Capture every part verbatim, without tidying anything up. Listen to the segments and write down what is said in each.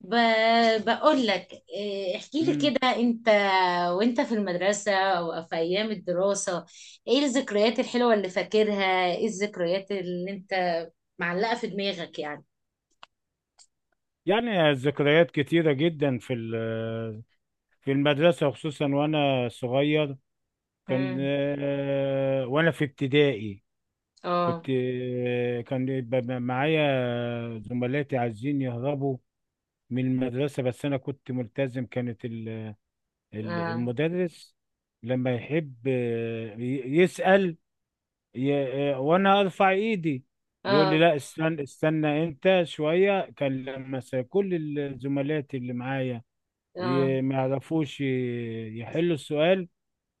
ب... بقول لك إيه، احكي لي مم. كده انت وانت في المدرسة او في ايام الدراسة، ايه الذكريات الحلوة اللي فاكرها، ايه الذكريات اللي انت معلقة في دماغك يعني. يعني ذكريات كتيرة جدا في ال- في المدرسة خصوصا وأنا صغير. كان امم آه، وأنا في ابتدائي كنت اه. آه، كان يبقى معايا زملاتي عايزين يهربوا من المدرسة، بس أنا كنت ملتزم. كانت ال- ال- اه. المدرس لما يحب آه، ي- يسأل، ي- آه، وأنا أرفع إيدي يقول لي اه. لا، استنى استنى أنت شوية. كان لما س- كل الزملات اللي معايا اه. ي- ما يعرفوش ي- يحلوا السؤال،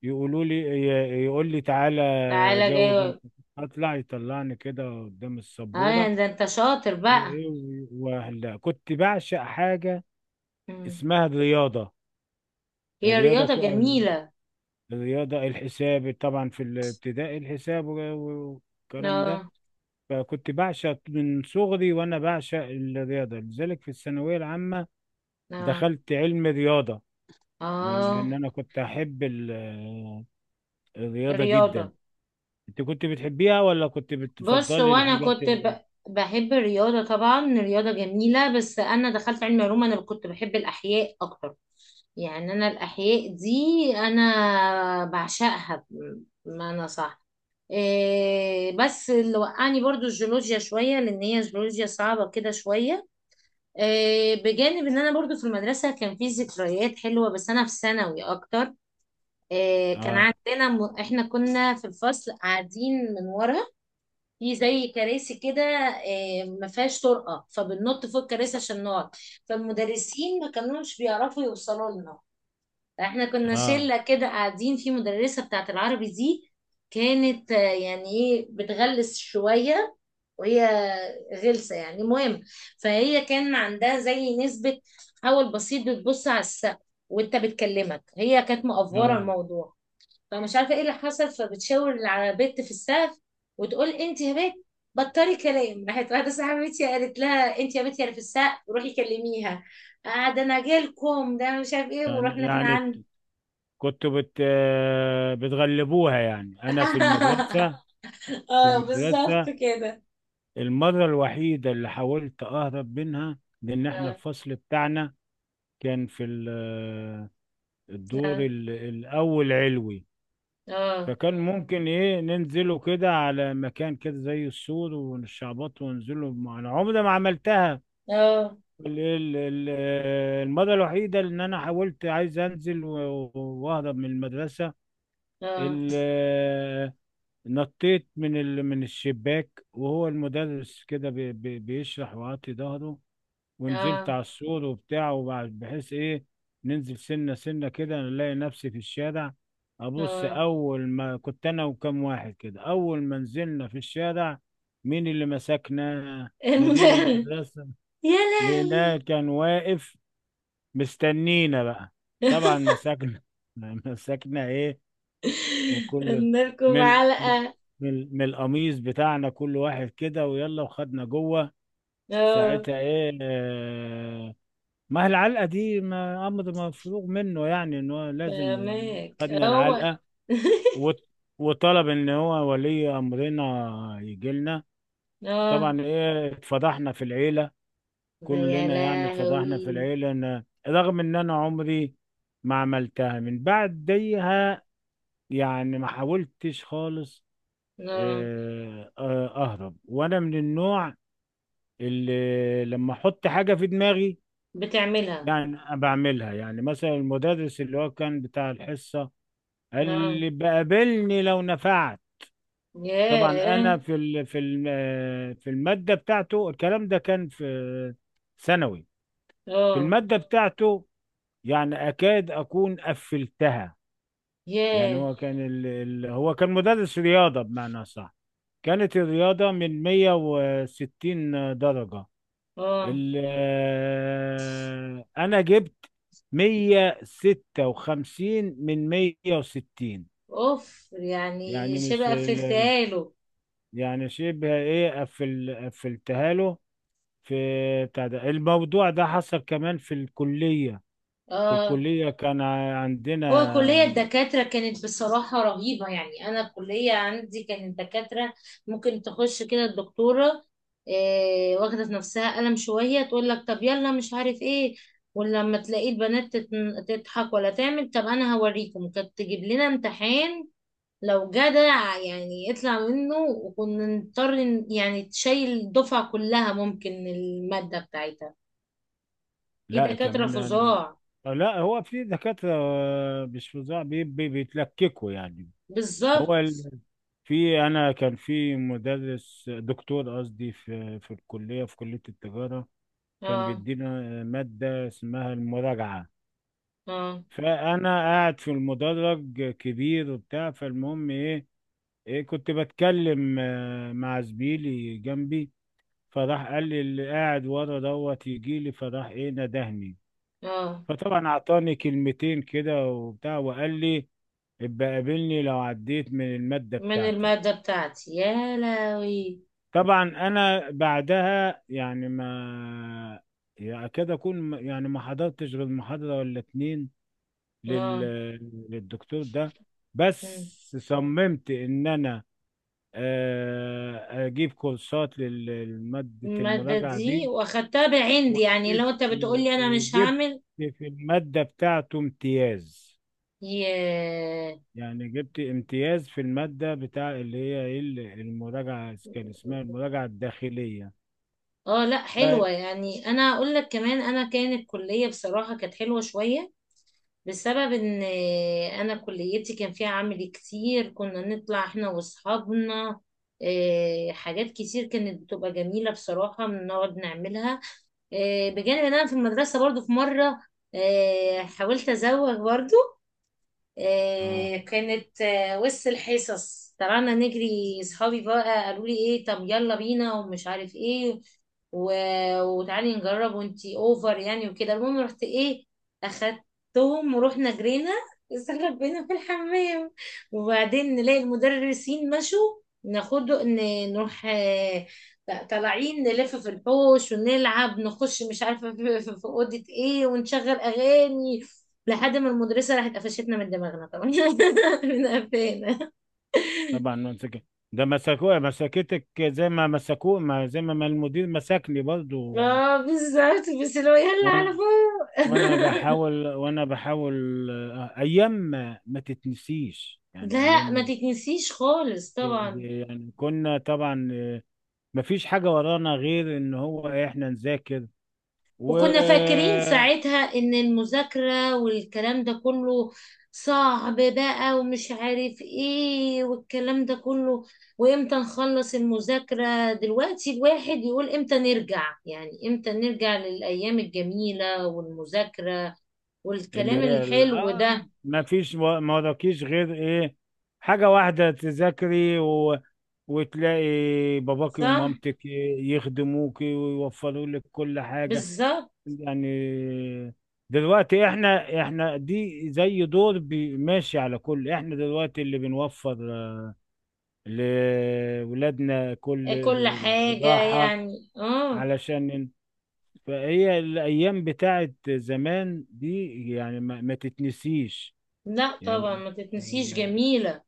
يقولوا لي ي- يقول لي تعالى تعالى جاوب انت، جاي. اطلع، يطلعني كده قدام اه السبوره. ده انت شاطر بقى. وايه و- وهلا كنت بعشق حاجه مم. اسمها الرياضه. هي الرياضه رياضة ك- جميلة. الرياضه الحساب، طبعا في الابتدائي الحساب و- والكلام ده. اه. فكنت بعشق من صغري، وانا بعشق الرياضه، لذلك في الثانويه العامه اه. دخلت علم رياضه، من اه. لان انا كنت احب ال- الرياضه جدا. رياضة. انت كنت بتحبيها، ولا كنت بص بتفضلي وانا الحاجات كنت ال...؟ ب... بحب الرياضه طبعا، الرياضه جميله، بس انا دخلت علم علوم، انا كنت بحب الاحياء اكتر. يعني انا الاحياء دي انا بعشقها، بمعنى صح. إيه بس اللي وقعني برضو الجيولوجيا شويه، لان هي جيولوجيا صعبه كده شويه. إيه بجانب ان انا برضو في المدرسه كان في ذكريات حلوه، بس انا في ثانوي اكتر. إيه كان اه، عندنا م... احنا كنا في الفصل قاعدين من ورا في زي كراسي كده، آه، ما فيهاش طرقه، فبننط فوق الكراسي عشان نقعد، فالمدرسين ما كانوش بيعرفوا يوصلوا لنا. احنا كنا اه، شله كده قاعدين في مدرسه بتاعت العربي دي، كانت آه، يعني ايه، بتغلس شويه، وهي غلسه يعني، المهم فهي كان عندها زي نسبه حول بسيط، بتبص على السقف وانت بتكلمك، هي كانت مقفوره اه. الموضوع، فمش عارفه ايه اللي حصل، فبتشاور على بنت في السقف وتقول انت يا بنت بطلي كلام. راحت واحده صاحبتي قالت لها انت يا بنت اللي في السقف روحي كلميها. آه ده انا جالكم ده مش عارف ايه، يعني ورحنا احنا يعني عنه. كنت بت آه، بتغلبوها يعني. انا في المدرسة في اه بالظبط المدرسة كده. المرة الوحيدة اللي حاولت اهرب منها، لان احنا اه. الفصل بتاعنا كان في ال- آه، الدور اه. ال- الاول علوي. اه. فكان ممكن ايه ننزله كده على مكان كده زي السور ونشعبط وننزله. انا عمري ما عملتها. اه. ال- ال- ال- المرة الوحيدة اللي أنا حاولت عايز أنزل و- وأهرب من المدرسة، اه. ال- نطيت من ال- من الشباك، وهو المدرس كده بي- بي- بيشرح وعطي ظهره، ونزلت اه. على السور وبتاع، وبعد بحيث إيه ننزل سنة سنة كده نلاقي نفسي في الشارع. أبص، اه. أول ما كنت أنا وكم واحد كده أول ما نزلنا في الشارع، مين اللي مسكنا؟ مدير المدرب. المدرسة، يا لقيناه لهوي. كان واقف مستنينا بقى. طبعا مسكنا مسكنا ايه من كل ادنالكم من من علقة. من من القميص بتاعنا كل واحد كده، ويلا وخدنا جوه. اه ساعتها ايه آه ما هي العلقه دي ما امر مفروغ منه، يعني ان هو لازم فاهمك خدنا هو. العلقه، وط- وطلب ان هو ولي امرنا يجي لنا. اه. طبعا ايه اتفضحنا في العيله، ده يا كلنا. يعني اتفضحنا في لهوي. العيلة. أنا رغم إن أنا عمري ما عملتها من بعديها، يعني ما حاولتش خالص اه آه، آه، أهرب. وأنا من النوع اللي لما أحط حاجة في دماغي بتعملها. يعني أنا بعملها. يعني مثلا المدرس اللي هو كان بتاع الحصة قال اه لي بقابلني لو نفعت. طبعا ياه. أنا في ال- في الم- آه، في المادة بتاعته، الكلام ده كان في ثانوي. في اه المادة بتاعته يعني اكاد اكون قفلتها. يعني ياه. هو كان ال... ال... هو كان مدرس رياضه، بمعنى صح. كانت الرياضه من مية وستين درجه، اه ال... آه، انا جبت مية ستة وخمسين من مية وستين. اوف، يعني يعني مش شبه ال... قفلتها له. يعني شبه ايه قفل قفلتها له. في بتاع ده، الموضوع ده حصل كمان في الكليه. في اه الكليه كان ع- هو كلية عندنا الدكاترة كانت بصراحة رهيبة، يعني أنا الكلية عندي كانت دكاترة ممكن تخش كده الدكتورة إيه واخدة في نفسها قلم شوية تقول لك طب يلا مش عارف ايه، ولما تلاقي البنات تتن- تضحك ولا تعمل طب أنا هوريكم، كانت تجيب لنا امتحان لو جدع يعني يطلع منه، وكنا نضطر ن- يعني تشيل الدفعة كلها ممكن المادة بتاعتها. في لا دكاترة كمان. فظاع. لا، هو في دكاترة آه، مش فظاع، بي- بي- بيتلككوا يعني. هو بالظبط. ال- في، أنا كان في مدرس دكتور، قصدي في في الكلية، في كلية التجارة، كان اه. بيدينا آه، مادة اسمها المراجعة. اه. فأنا قاعد في المدرج كبير وبتاع، فالمهم إيه، إيه كنت بتكلم آه، مع زميلي جنبي. فراح قال لي اللي قاعد ورا دوت يجي لي، فراح إيه ندهني. اه فطبعا اعطاني كلمتين كده وبتاع، وقال لي ابقى قابلني لو عديت من المادة من بتاعتي. المادة بتاعتي يا لهوي. طبعا انا بعدها يعني ما يعني اكاد اكون م- يعني ما حضرتش غير محاضرة ولا اتنين لل... اه. للدكتور ده. مم. بس صممت ان انا آه، اجيب كورسات لل- لمادة المادة المراجعة دي دي. واخدتها بعندي يعني، وجبت لو انت بتقولي انا مش وجبت هعمل. في المادة بتاعته امتياز. ياه. يعني جبت امتياز في المادة بتاع اللي هي ايه ال- المراجعة، كان اسمها المراجعة الداخلية. اه لا حلوة، ف- يعني انا اقول لك كمان انا كانت كلية بصراحة كانت حلوة شوية، بسبب ان انا كليتي كان فيها عمل كتير، كنا نطلع احنا واصحابنا إيه، حاجات كتير كانت بتبقى جميلة بصراحة بنقعد نعملها. إيه، بجانب ان انا في المدرسة برضو في مرة إيه، حاولت ازوغ برضو. اه، آه، كانت آه، وسط الحصص طلعنا نجري، صحابي بقى قالوا لي ايه طب يلا بينا ومش عارف ايه و... وتعالي نجرب وانتي اوفر يعني وكده، المهم رحت ايه اخدتهم ورحنا جرينا، استخبينا في الحمام وبعدين نلاقي المدرسين مشوا، ناخد ن- نروح آه، طالعين نلف في الحوش ونلعب نخش مش عارفه في في- في اوضه ايه ونشغل اغاني، لحد ما المدرسة راحت قفشتنا من دماغنا طبعا من قفانا. طبعا مسك ده مسكوها. مسكتك زي ما مسكوه، ما زي ما ما المدير مسكني برضو. اه بالظبط بس لو يلا على وانا وانا فوق. بحاول وانا بحاول آه، ايام ما, ما تتنسيش. يعني ايام لا ما ما- تتنسيش خالص طبعا. يعني كنا طبعا آه، ما فيش حاجة ورانا غير ان هو إيه، احنا نذاكر. و وكنا فاكرين ساعتها ان المذاكرة والكلام ده كله صعب بقى ومش عارف ايه والكلام ده كله، وامتى نخلص المذاكرة. دلوقتي الواحد يقول امتى نرجع، يعني امتى نرجع للأيام الجميلة والمذاكرة اللي والكلام هي ال- الحلو آه ده. ما فيش و- ما وراكيش غير ايه حاجة واحدة، تذاكري و... وتلاقي باباكي صح. ومامتك يخدموكي ويوفروا لك كل حاجة. بالظبط. يعني دلوقتي احنا احنا دي زي دور بي- ماشي على كل. احنا دلوقتي اللي بنوفر لولادنا آه، كل كل حاجة الراحة يعني اه. علشان ن- فهي الأيام بتاعت زمان دي يعني ما, ما تتنسيش. لا طبعا يعني ما تتنسيش، آه، جميلة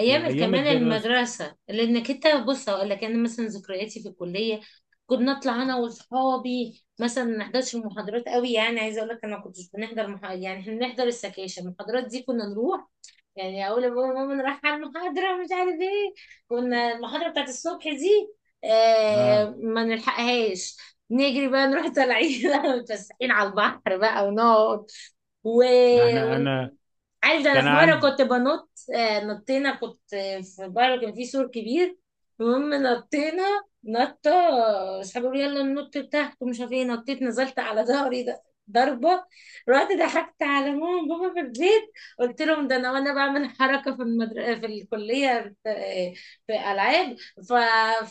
في ايام كمان الدراسه. المدرسة، لانك انت بص هقول لك انا مثلا ذكرياتي في الكلية كنا نطلع انا واصحابي مثلا ما نحضرش المحاضرات قوي، يعني عايزه اقول لك انا ما كنتش بنحضر مح... يعني احنا بنحضر السكاشن، المحاضرات دي كنا نروح، يعني اقول لبابا ماما انا رايحه المحاضره مش عارف ايه، كنا المحاضره بتاعت الصبح دي آه اه، ما نلحقهاش، نجري بقى نروح طالعين متفسحين على البحر بقى ونقعد و... ما احنا انا و... عارف ده انا كان في مره عندي. كنت بنط، آه، نطينا، كنت آه، في بره كان في سور كبير، المهم نطينا نطه، آه، اصحابي يقولوا يلا ننط تحت ومش عارف ايه، نطيت نزلت على ظهري ده ضربه، رحت ضحكت على ماما وبابا في البيت قلت لهم ده انا وانا بعمل حركه في المدر... في الكليه في, في العاب ف...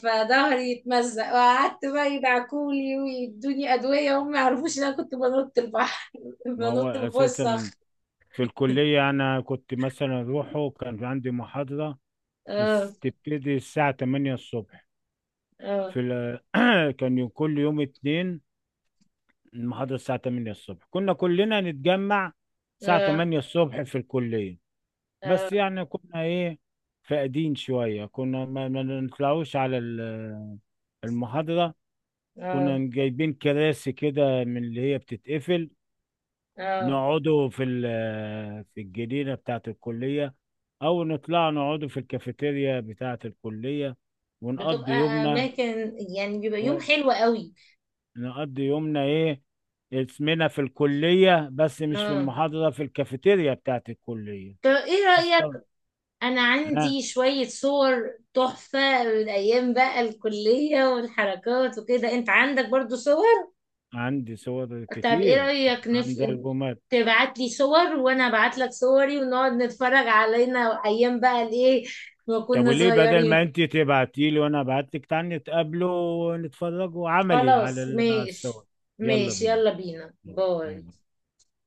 فظهري اتمزق وقعدت بقى يدعكولي ويدوني ادويه، وهم ما يعرفوش ان انا كنت بنط البحر، ما هو بنط من فوق اساسا الصخر. في الكليه انا كنت مثلا اروحه، كان عندي محاضره اه. الس- تبتدي الساعه تمانية الصبح. اه. في ال... كان يوم- كل يوم اتنين المحاضره الساعه الثامنة الصبح. كنا كلنا نتجمع الساعه اه. تمانية الصبح في الكليه. اه. بس يعني كنا ايه فاقدين شويه، كنا ما ما نطلعوش على ال- المحاضرة. كنا اه. جايبين كراسي كده من اللي هي بتتقفل، اه. نقعدوا في ال- آه، في الجنينة بتاعة الكلية، أو نطلع نقعدوا في الكافيتيريا بتاعة الكلية ونقضي بتبقى يومنا. اماكن يعني بيبقى يوم أه، حلو قوي. نقضي يومنا إيه؟ اسمنا في الكلية بس مش في اه المحاضرة، في الكافيتيريا بتاعة الكلية طب ايه رأيك، أصلا. انا ها، عندي شوية صور تحفة من ايام بقى الكلية والحركات وكده، انت عندك برضو صور؟ عندي صور طب ايه كتير. رأيك نف... عندي ألبومات. تبعت لي صور وانا ابعت لك صوري ونقعد نتفرج علينا ايام بقى الايه ما طب كنا وليه بدل ما صغيرين. انت تبعتي لي وانا ابعت لك، تعالى نتقابلوا ونتفرجوا عملي على خلاص ال- على ماشي. الصور. يلا ماشي بينا، يلا بينا باي باي. باي.